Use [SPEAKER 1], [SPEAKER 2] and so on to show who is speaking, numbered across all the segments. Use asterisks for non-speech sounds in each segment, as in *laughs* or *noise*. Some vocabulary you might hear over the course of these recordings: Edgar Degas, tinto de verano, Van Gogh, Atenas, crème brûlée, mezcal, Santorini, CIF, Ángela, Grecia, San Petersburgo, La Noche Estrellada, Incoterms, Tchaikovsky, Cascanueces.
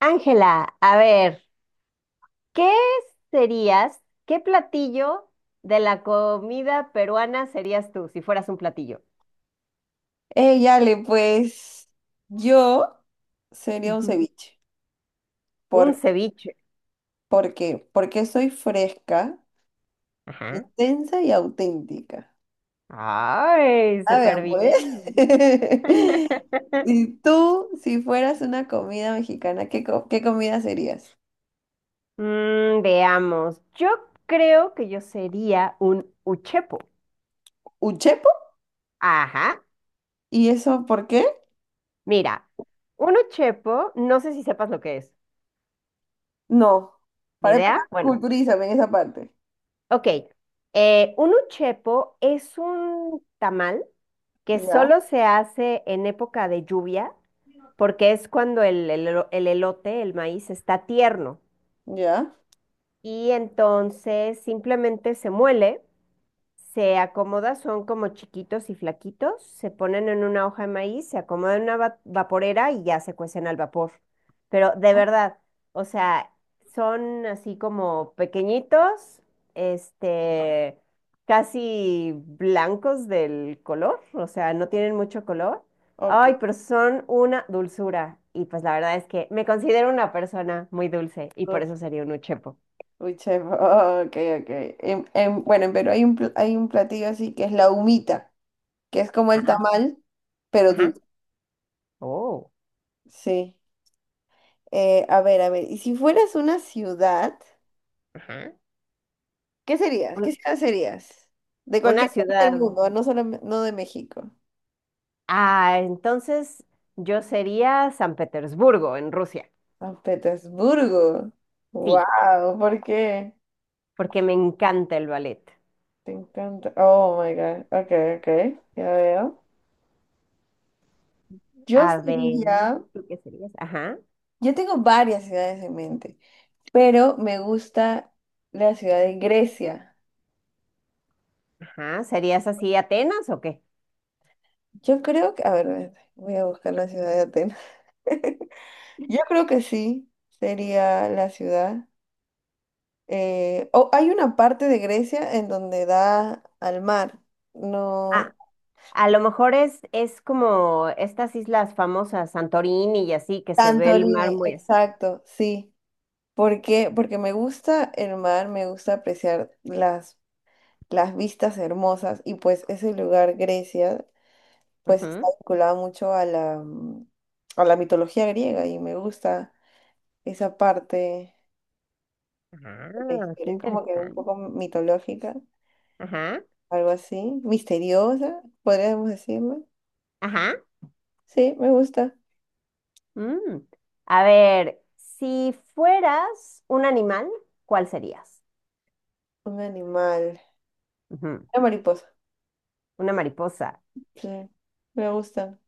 [SPEAKER 1] Ángela, a ver, ¿qué serías, qué platillo de la comida peruana serías tú si fueras un platillo?
[SPEAKER 2] Ey, Ale, pues yo sería un
[SPEAKER 1] Ujú.
[SPEAKER 2] ceviche.
[SPEAKER 1] Un
[SPEAKER 2] ¿Por,
[SPEAKER 1] ceviche.
[SPEAKER 2] ¿Por qué? Porque soy fresca,
[SPEAKER 1] Ajá.
[SPEAKER 2] intensa y auténtica.
[SPEAKER 1] Ay,
[SPEAKER 2] A ver,
[SPEAKER 1] súper
[SPEAKER 2] pues.
[SPEAKER 1] bien.
[SPEAKER 2] *laughs*
[SPEAKER 1] *laughs*
[SPEAKER 2] ¿Y tú, si fueras una comida mexicana, qué comida serías?
[SPEAKER 1] Veamos, yo creo que yo sería un uchepo.
[SPEAKER 2] ¿Un chepo?
[SPEAKER 1] Ajá,
[SPEAKER 2] ¿Y eso por qué?
[SPEAKER 1] mira, un uchepo, no sé si sepas lo que es.
[SPEAKER 2] No.
[SPEAKER 1] ¿Ni
[SPEAKER 2] Para empezar,
[SPEAKER 1] idea? Bueno,
[SPEAKER 2] culturízame en esa parte.
[SPEAKER 1] ok. Un uchepo es un tamal, que
[SPEAKER 2] Ya,
[SPEAKER 1] solo se hace en época de lluvia, porque es cuando el elote, el maíz, está tierno.
[SPEAKER 2] ya.
[SPEAKER 1] Y entonces simplemente se muele, se acomoda, son como chiquitos y flaquitos, se ponen en una hoja de maíz, se acomodan en una vaporera y ya se cuecen al vapor. Pero de verdad, o sea, son así como pequeñitos, este, casi blancos del color, o sea, no tienen mucho color.
[SPEAKER 2] Ok.
[SPEAKER 1] Ay, pero son una dulzura. Y pues la verdad es que me considero una persona muy dulce y por eso sería un uchepo.
[SPEAKER 2] Uy, chef, *laughs* oh, ok, ok. Bueno, en Perú hay hay un platillo así que es la humita, que es como el
[SPEAKER 1] Ah,
[SPEAKER 2] tamal, pero
[SPEAKER 1] ajá.
[SPEAKER 2] dulce.
[SPEAKER 1] Oh,
[SPEAKER 2] Sí. A ver, a ver. Y si fueras una ciudad,
[SPEAKER 1] ajá.
[SPEAKER 2] ¿qué serías? ¿Qué
[SPEAKER 1] Un-
[SPEAKER 2] ciudad serías? De
[SPEAKER 1] una
[SPEAKER 2] cualquier parte del
[SPEAKER 1] ciudad.
[SPEAKER 2] mundo, no solo, no de México.
[SPEAKER 1] Ah, entonces yo sería San Petersburgo, en Rusia.
[SPEAKER 2] San Petersburgo.
[SPEAKER 1] Sí,
[SPEAKER 2] Wow, ¿por qué?
[SPEAKER 1] porque me encanta el ballet.
[SPEAKER 2] Te encanta. Oh my God. Ok, ok, ya veo. Yo
[SPEAKER 1] A ver,
[SPEAKER 2] sería.
[SPEAKER 1] ¿tú qué serías? Ajá,
[SPEAKER 2] Yo tengo varias ciudades en mente, pero me gusta la ciudad de Grecia.
[SPEAKER 1] ajá. ¿Serías así Atenas o qué?
[SPEAKER 2] Yo creo que, a ver, voy a buscar la ciudad de Atenas. *laughs* Yo creo que sí, sería la ciudad. O hay una parte de Grecia en donde da al mar,
[SPEAKER 1] Ah,
[SPEAKER 2] no
[SPEAKER 1] a lo mejor es como estas islas famosas, Santorini y así, que se ve
[SPEAKER 2] tanto
[SPEAKER 1] el mar
[SPEAKER 2] línea,
[SPEAKER 1] muy... as-.
[SPEAKER 2] exacto, sí. ¿Por qué? Porque me gusta el mar, me gusta apreciar las vistas hermosas, y pues ese lugar, Grecia, pues está
[SPEAKER 1] Ujú.
[SPEAKER 2] vinculada mucho a a la mitología griega, y me gusta esa parte de la
[SPEAKER 1] Ah, qué
[SPEAKER 2] historia. Es como que un
[SPEAKER 1] interesante.
[SPEAKER 2] poco mitológica,
[SPEAKER 1] Ajá,
[SPEAKER 2] algo así, misteriosa, podríamos decirlo.
[SPEAKER 1] ajá.
[SPEAKER 2] Sí, me gusta.
[SPEAKER 1] Mm. A ver, si fueras un animal, ¿cuál serías?
[SPEAKER 2] Un animal,
[SPEAKER 1] Ujú.
[SPEAKER 2] una mariposa.
[SPEAKER 1] Una mariposa.
[SPEAKER 2] Sí, me gusta.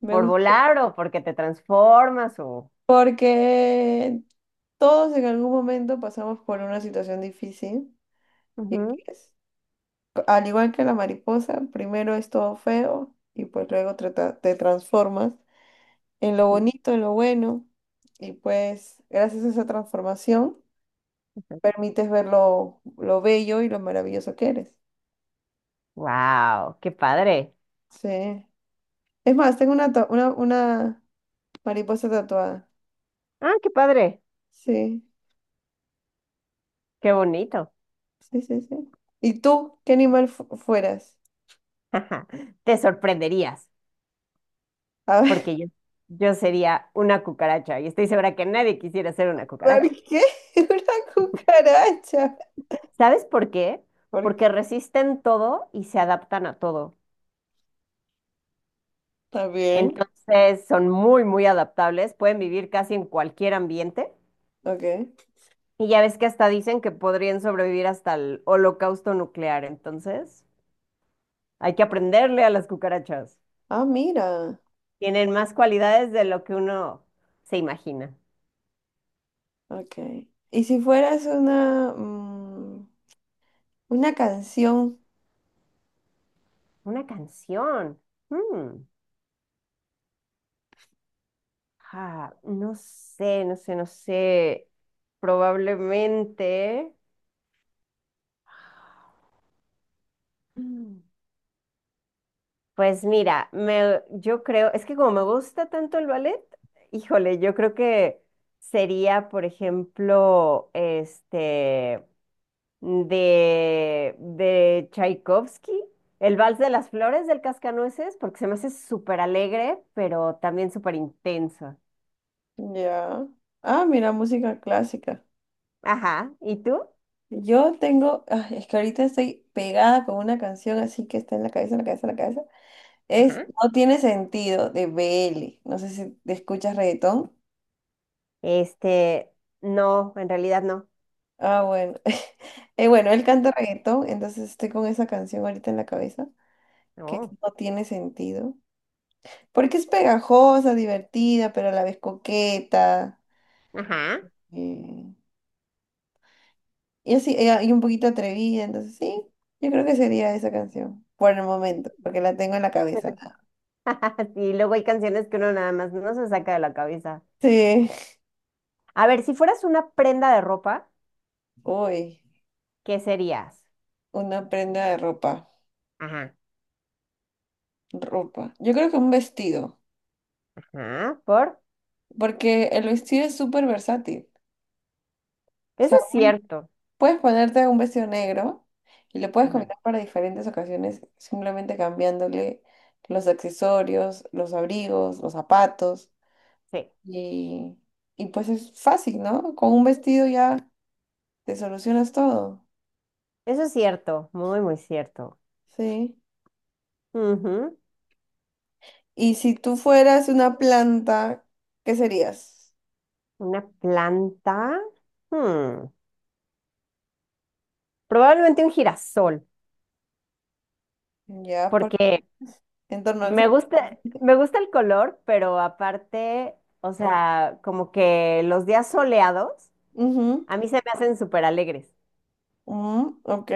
[SPEAKER 2] Me
[SPEAKER 1] ¿Por
[SPEAKER 2] gusta
[SPEAKER 1] volar o porque te transformas o...?
[SPEAKER 2] porque todos en algún momento pasamos por una situación difícil y pues, al igual que la mariposa, primero es todo feo y pues luego te transformas en lo bonito, en lo bueno, y pues gracias a esa transformación permites ver lo bello y lo maravilloso que eres.
[SPEAKER 1] ¡Wow! ¡Qué padre!
[SPEAKER 2] Sí. Es más, tengo una mariposa tatuada.
[SPEAKER 1] Ah, qué padre.
[SPEAKER 2] Sí,
[SPEAKER 1] ¡Qué bonito!
[SPEAKER 2] sí, sí, sí. ¿Y tú qué animal fueras?
[SPEAKER 1] *laughs* Te sorprenderías
[SPEAKER 2] A ver,
[SPEAKER 1] porque yo sería una cucaracha y estoy segura que nadie quisiera ser una
[SPEAKER 2] *laughs* ¿por
[SPEAKER 1] cucaracha.
[SPEAKER 2] qué? *laughs* Una cucaracha.
[SPEAKER 1] ¿Sabes por qué?
[SPEAKER 2] ¿Por qué?
[SPEAKER 1] Porque resisten todo y se adaptan a todo.
[SPEAKER 2] ¿Está bien?
[SPEAKER 1] Entonces son muy, muy adaptables, pueden vivir casi en cualquier ambiente
[SPEAKER 2] Ok.
[SPEAKER 1] y ya ves que hasta dicen que podrían sobrevivir hasta el holocausto nuclear. Entonces... hay que aprenderle a las cucarachas.
[SPEAKER 2] Ah, mira.
[SPEAKER 1] Tienen más cualidades de lo que uno se imagina.
[SPEAKER 2] Ok. ¿Y si fueras una canción?
[SPEAKER 1] Una canción. Mm. Ah, no sé, no sé, no sé. Probablemente. Mm. Pues mira, me, yo creo, es que como me gusta tanto el ballet, híjole, yo creo que sería, por ejemplo, de Tchaikovsky, el Vals de las Flores del Cascanueces, porque se me hace súper alegre, pero también súper intenso.
[SPEAKER 2] Ya. Ah, mira, música clásica.
[SPEAKER 1] Ajá, ¿y tú?
[SPEAKER 2] Yo tengo, ah, es que ahorita estoy pegada con una canción así que está en la cabeza, en la cabeza, en la cabeza. Es
[SPEAKER 1] Ajá.
[SPEAKER 2] No tiene sentido de B. L. No sé si te escuchas reggaetón.
[SPEAKER 1] Este, no, en realidad no.
[SPEAKER 2] Ah, bueno. *laughs* Bueno, él canta reggaetón, entonces estoy con esa canción ahorita en la cabeza, que es
[SPEAKER 1] No,
[SPEAKER 2] No tiene sentido. Porque es pegajosa, divertida, pero a la vez coqueta.
[SPEAKER 1] ajá.
[SPEAKER 2] Eh, Yo sí, y un poquito atrevida, entonces sí, yo creo que sería esa canción, por el momento, porque la tengo en la cabeza. Nada.
[SPEAKER 1] Y luego hay canciones que uno nada más no se saca de la cabeza.
[SPEAKER 2] Sí,
[SPEAKER 1] A ver, si fueras una prenda de ropa,
[SPEAKER 2] uy,
[SPEAKER 1] ¿qué serías?
[SPEAKER 2] una prenda de ropa,
[SPEAKER 1] Ajá.
[SPEAKER 2] ropa. Yo creo que un vestido,
[SPEAKER 1] Ajá. ¿Por?
[SPEAKER 2] porque el vestido es súper versátil. O
[SPEAKER 1] Eso
[SPEAKER 2] sea,
[SPEAKER 1] es cierto.
[SPEAKER 2] puedes ponerte un vestido negro y lo puedes
[SPEAKER 1] Ujú.
[SPEAKER 2] combinar para diferentes ocasiones, simplemente cambiándole los accesorios, los abrigos, los zapatos,
[SPEAKER 1] Sí,
[SPEAKER 2] y, y pues es fácil, ¿no? Con un vestido ya te solucionas todo.
[SPEAKER 1] eso es cierto, muy, muy cierto.
[SPEAKER 2] Sí.
[SPEAKER 1] Ujú.
[SPEAKER 2] Y si tú fueras una planta, ¿qué serías?
[SPEAKER 1] Una planta. Hmm, probablemente un girasol,
[SPEAKER 2] Ya, por
[SPEAKER 1] porque
[SPEAKER 2] en torno al sol.
[SPEAKER 1] me gusta el color, pero aparte, o sea, como que los días soleados
[SPEAKER 2] Ujú,
[SPEAKER 1] a mí se me hacen súper alegres.
[SPEAKER 2] ujú, ok,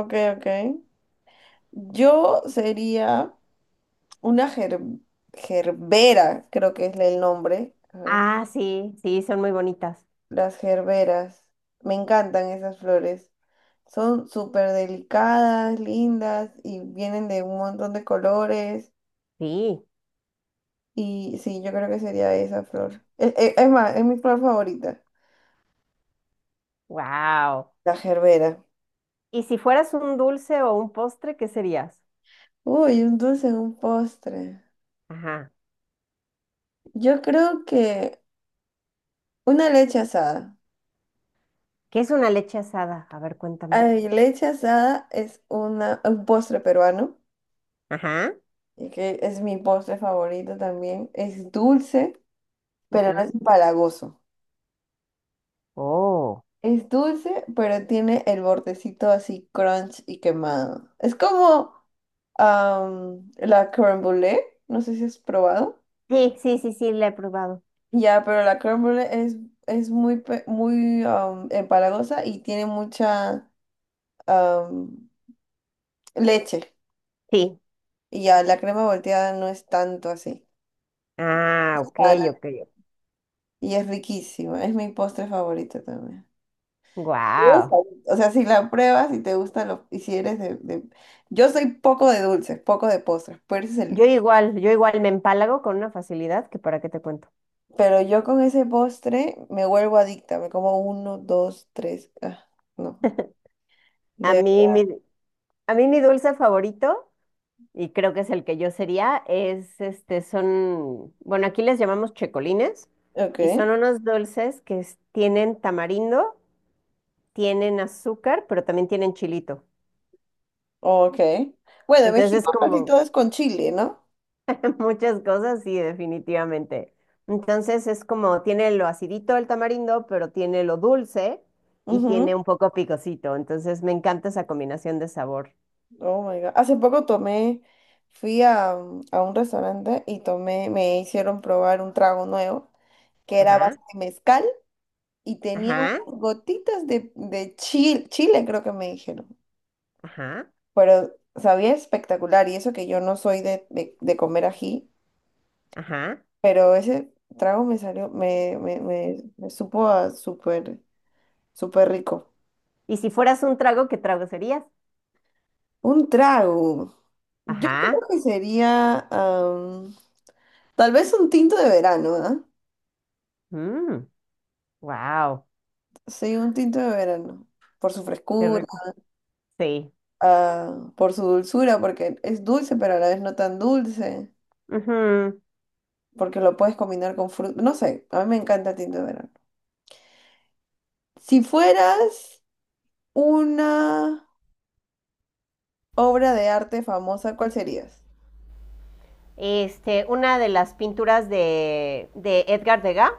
[SPEAKER 2] ok, ok. Yo sería una gerbera, creo que es el nombre. A ver,
[SPEAKER 1] Ah, sí, sí, son muy bonitas.
[SPEAKER 2] las gerberas. Me encantan esas flores. Son súper delicadas, lindas y vienen de un montón de colores.
[SPEAKER 1] Sí,
[SPEAKER 2] Y sí, yo creo que sería esa flor. Es, más, es mi flor favorita.
[SPEAKER 1] wow.
[SPEAKER 2] La gerbera.
[SPEAKER 1] ¿Y si fueras un dulce o un postre, qué serías?
[SPEAKER 2] Uy, un dulce, un postre.
[SPEAKER 1] Ajá.
[SPEAKER 2] Yo creo que una leche asada.
[SPEAKER 1] ¿Qué es una leche asada? A ver, cuéntame.
[SPEAKER 2] Ay, leche asada es un postre peruano,
[SPEAKER 1] Ajá.
[SPEAKER 2] y que es mi postre favorito también. Es dulce, pero no es
[SPEAKER 1] Ujú.
[SPEAKER 2] empalagoso.
[SPEAKER 1] Oh.
[SPEAKER 2] Es dulce, pero tiene el bordecito así crunch y quemado. Es como am, la crème brûlée, no sé si has probado.
[SPEAKER 1] Sí, sí, sí, sí, la he probado.
[SPEAKER 2] Ya, pero la crème brûlée es muy am, empalagosa y tiene mucha am, leche.
[SPEAKER 1] Sí.
[SPEAKER 2] Y ya, la crema volteada no es tanto así.
[SPEAKER 1] Ah, ok,
[SPEAKER 2] Ah,
[SPEAKER 1] ok.
[SPEAKER 2] y es riquísima, es mi postre favorito también. Esa.
[SPEAKER 1] Wow.
[SPEAKER 2] O sea, si la pruebas y te gusta lo, y si eres yo soy poco de dulces, poco de postres, pero, ese es
[SPEAKER 1] Yo igual me empalago con una facilidad que para qué te cuento.
[SPEAKER 2] pero yo con ese postre me vuelvo adicta, me como uno, dos, tres, ah, no.
[SPEAKER 1] A
[SPEAKER 2] De...
[SPEAKER 1] mí mi, a mí mi dulce favorito, y creo que es el que yo sería, es son, bueno, aquí les llamamos checolines,
[SPEAKER 2] Ok,
[SPEAKER 1] y son unos dulces que tienen tamarindo, tienen azúcar, pero también tienen chilito.
[SPEAKER 2] ok. Bueno, en
[SPEAKER 1] Entonces es
[SPEAKER 2] México casi
[SPEAKER 1] como...
[SPEAKER 2] todo es con chile, ¿no?
[SPEAKER 1] muchas cosas, sí, definitivamente. Entonces es como tiene lo acidito el tamarindo, pero tiene lo dulce y tiene un poco picosito. Entonces me encanta esa combinación de sabor.
[SPEAKER 2] Oh my God. Hace poco tomé, fui a, mm, a un restaurante y tomé, me hicieron probar un trago nuevo que era a
[SPEAKER 1] Ajá,
[SPEAKER 2] base de mezcal y tenía
[SPEAKER 1] ajá,
[SPEAKER 2] unas gotitas de chile, chile creo que me dijeron.
[SPEAKER 1] ajá,
[SPEAKER 2] Pero sabía espectacular y eso que yo no soy de comer ají,
[SPEAKER 1] ajá.
[SPEAKER 2] pero ese trago me salió, me supo a súper, súper rico.
[SPEAKER 1] Y si fueras un trago, ¿qué trago serías?
[SPEAKER 2] Un trago. Yo creo
[SPEAKER 1] Ajá.
[SPEAKER 2] que sería, am, tal vez un tinto de verano, ¿ah?
[SPEAKER 1] Wow,
[SPEAKER 2] Sí, un tinto de verano, por su
[SPEAKER 1] qué
[SPEAKER 2] frescura,
[SPEAKER 1] rico. Sí.
[SPEAKER 2] ah, por su dulzura, porque es dulce, pero a la vez no tan dulce,
[SPEAKER 1] Ujú.
[SPEAKER 2] porque lo puedes combinar con fruta. No sé, a mí me encanta el tinto de verano. Si fueras una obra de arte famosa, ¿cuál serías?
[SPEAKER 1] Una de las pinturas de Edgar Degas.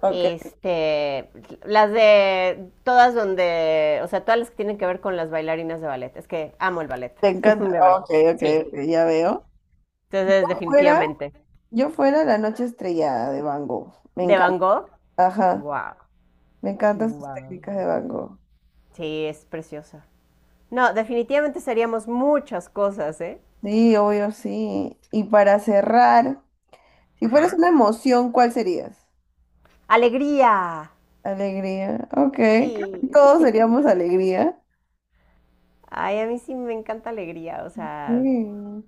[SPEAKER 2] Ok,
[SPEAKER 1] Este, las de todas donde, o sea, todas las que tienen que ver con las bailarinas de ballet. Es que amo el ballet,
[SPEAKER 2] te
[SPEAKER 1] *laughs*
[SPEAKER 2] encanta.
[SPEAKER 1] de verdad.
[SPEAKER 2] Ok, ok, ok,
[SPEAKER 1] Sí,
[SPEAKER 2] ya veo.
[SPEAKER 1] entonces
[SPEAKER 2] Fuera,
[SPEAKER 1] definitivamente.
[SPEAKER 2] yo fuera La Noche Estrellada de Van Gogh. Me
[SPEAKER 1] De Van
[SPEAKER 2] encanta.
[SPEAKER 1] Gogh,
[SPEAKER 2] Ajá,
[SPEAKER 1] wow,
[SPEAKER 2] me encantan sus
[SPEAKER 1] wow.
[SPEAKER 2] técnicas de Van Gogh.
[SPEAKER 1] Sí, es preciosa. No, definitivamente seríamos muchas cosas, ¿eh?
[SPEAKER 2] Sí, obvio, sí. Y para cerrar. Si fueras
[SPEAKER 1] Ajá.
[SPEAKER 2] una emoción, ¿cuál serías?
[SPEAKER 1] Alegría,
[SPEAKER 2] Alegría. Ok, creo
[SPEAKER 1] sí.
[SPEAKER 2] que todos
[SPEAKER 1] *laughs*
[SPEAKER 2] seríamos alegría.
[SPEAKER 1] Ay, a mí sí me encanta alegría, o sea,
[SPEAKER 2] Mm.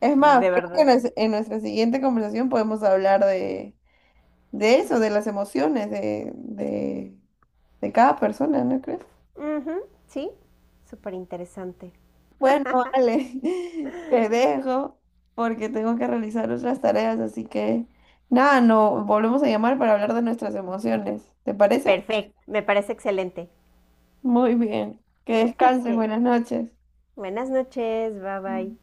[SPEAKER 2] Es más,
[SPEAKER 1] de
[SPEAKER 2] creo que
[SPEAKER 1] verdad.
[SPEAKER 2] en nuestra siguiente conversación podemos hablar de eso, de las emociones de cada persona, ¿no crees?
[SPEAKER 1] Ujú, sí, súper interesante.
[SPEAKER 2] Bueno, vale, *laughs* te dejo porque tengo que realizar otras tareas, así que nada, no, volvemos a llamar para hablar de nuestras emociones. ¿Te parece?
[SPEAKER 1] Perfecto, me parece excelente.
[SPEAKER 2] Muy bien. Que descanses,
[SPEAKER 1] Ok.
[SPEAKER 2] buenas noches.
[SPEAKER 1] Buenas noches, bye bye.
[SPEAKER 2] Mm.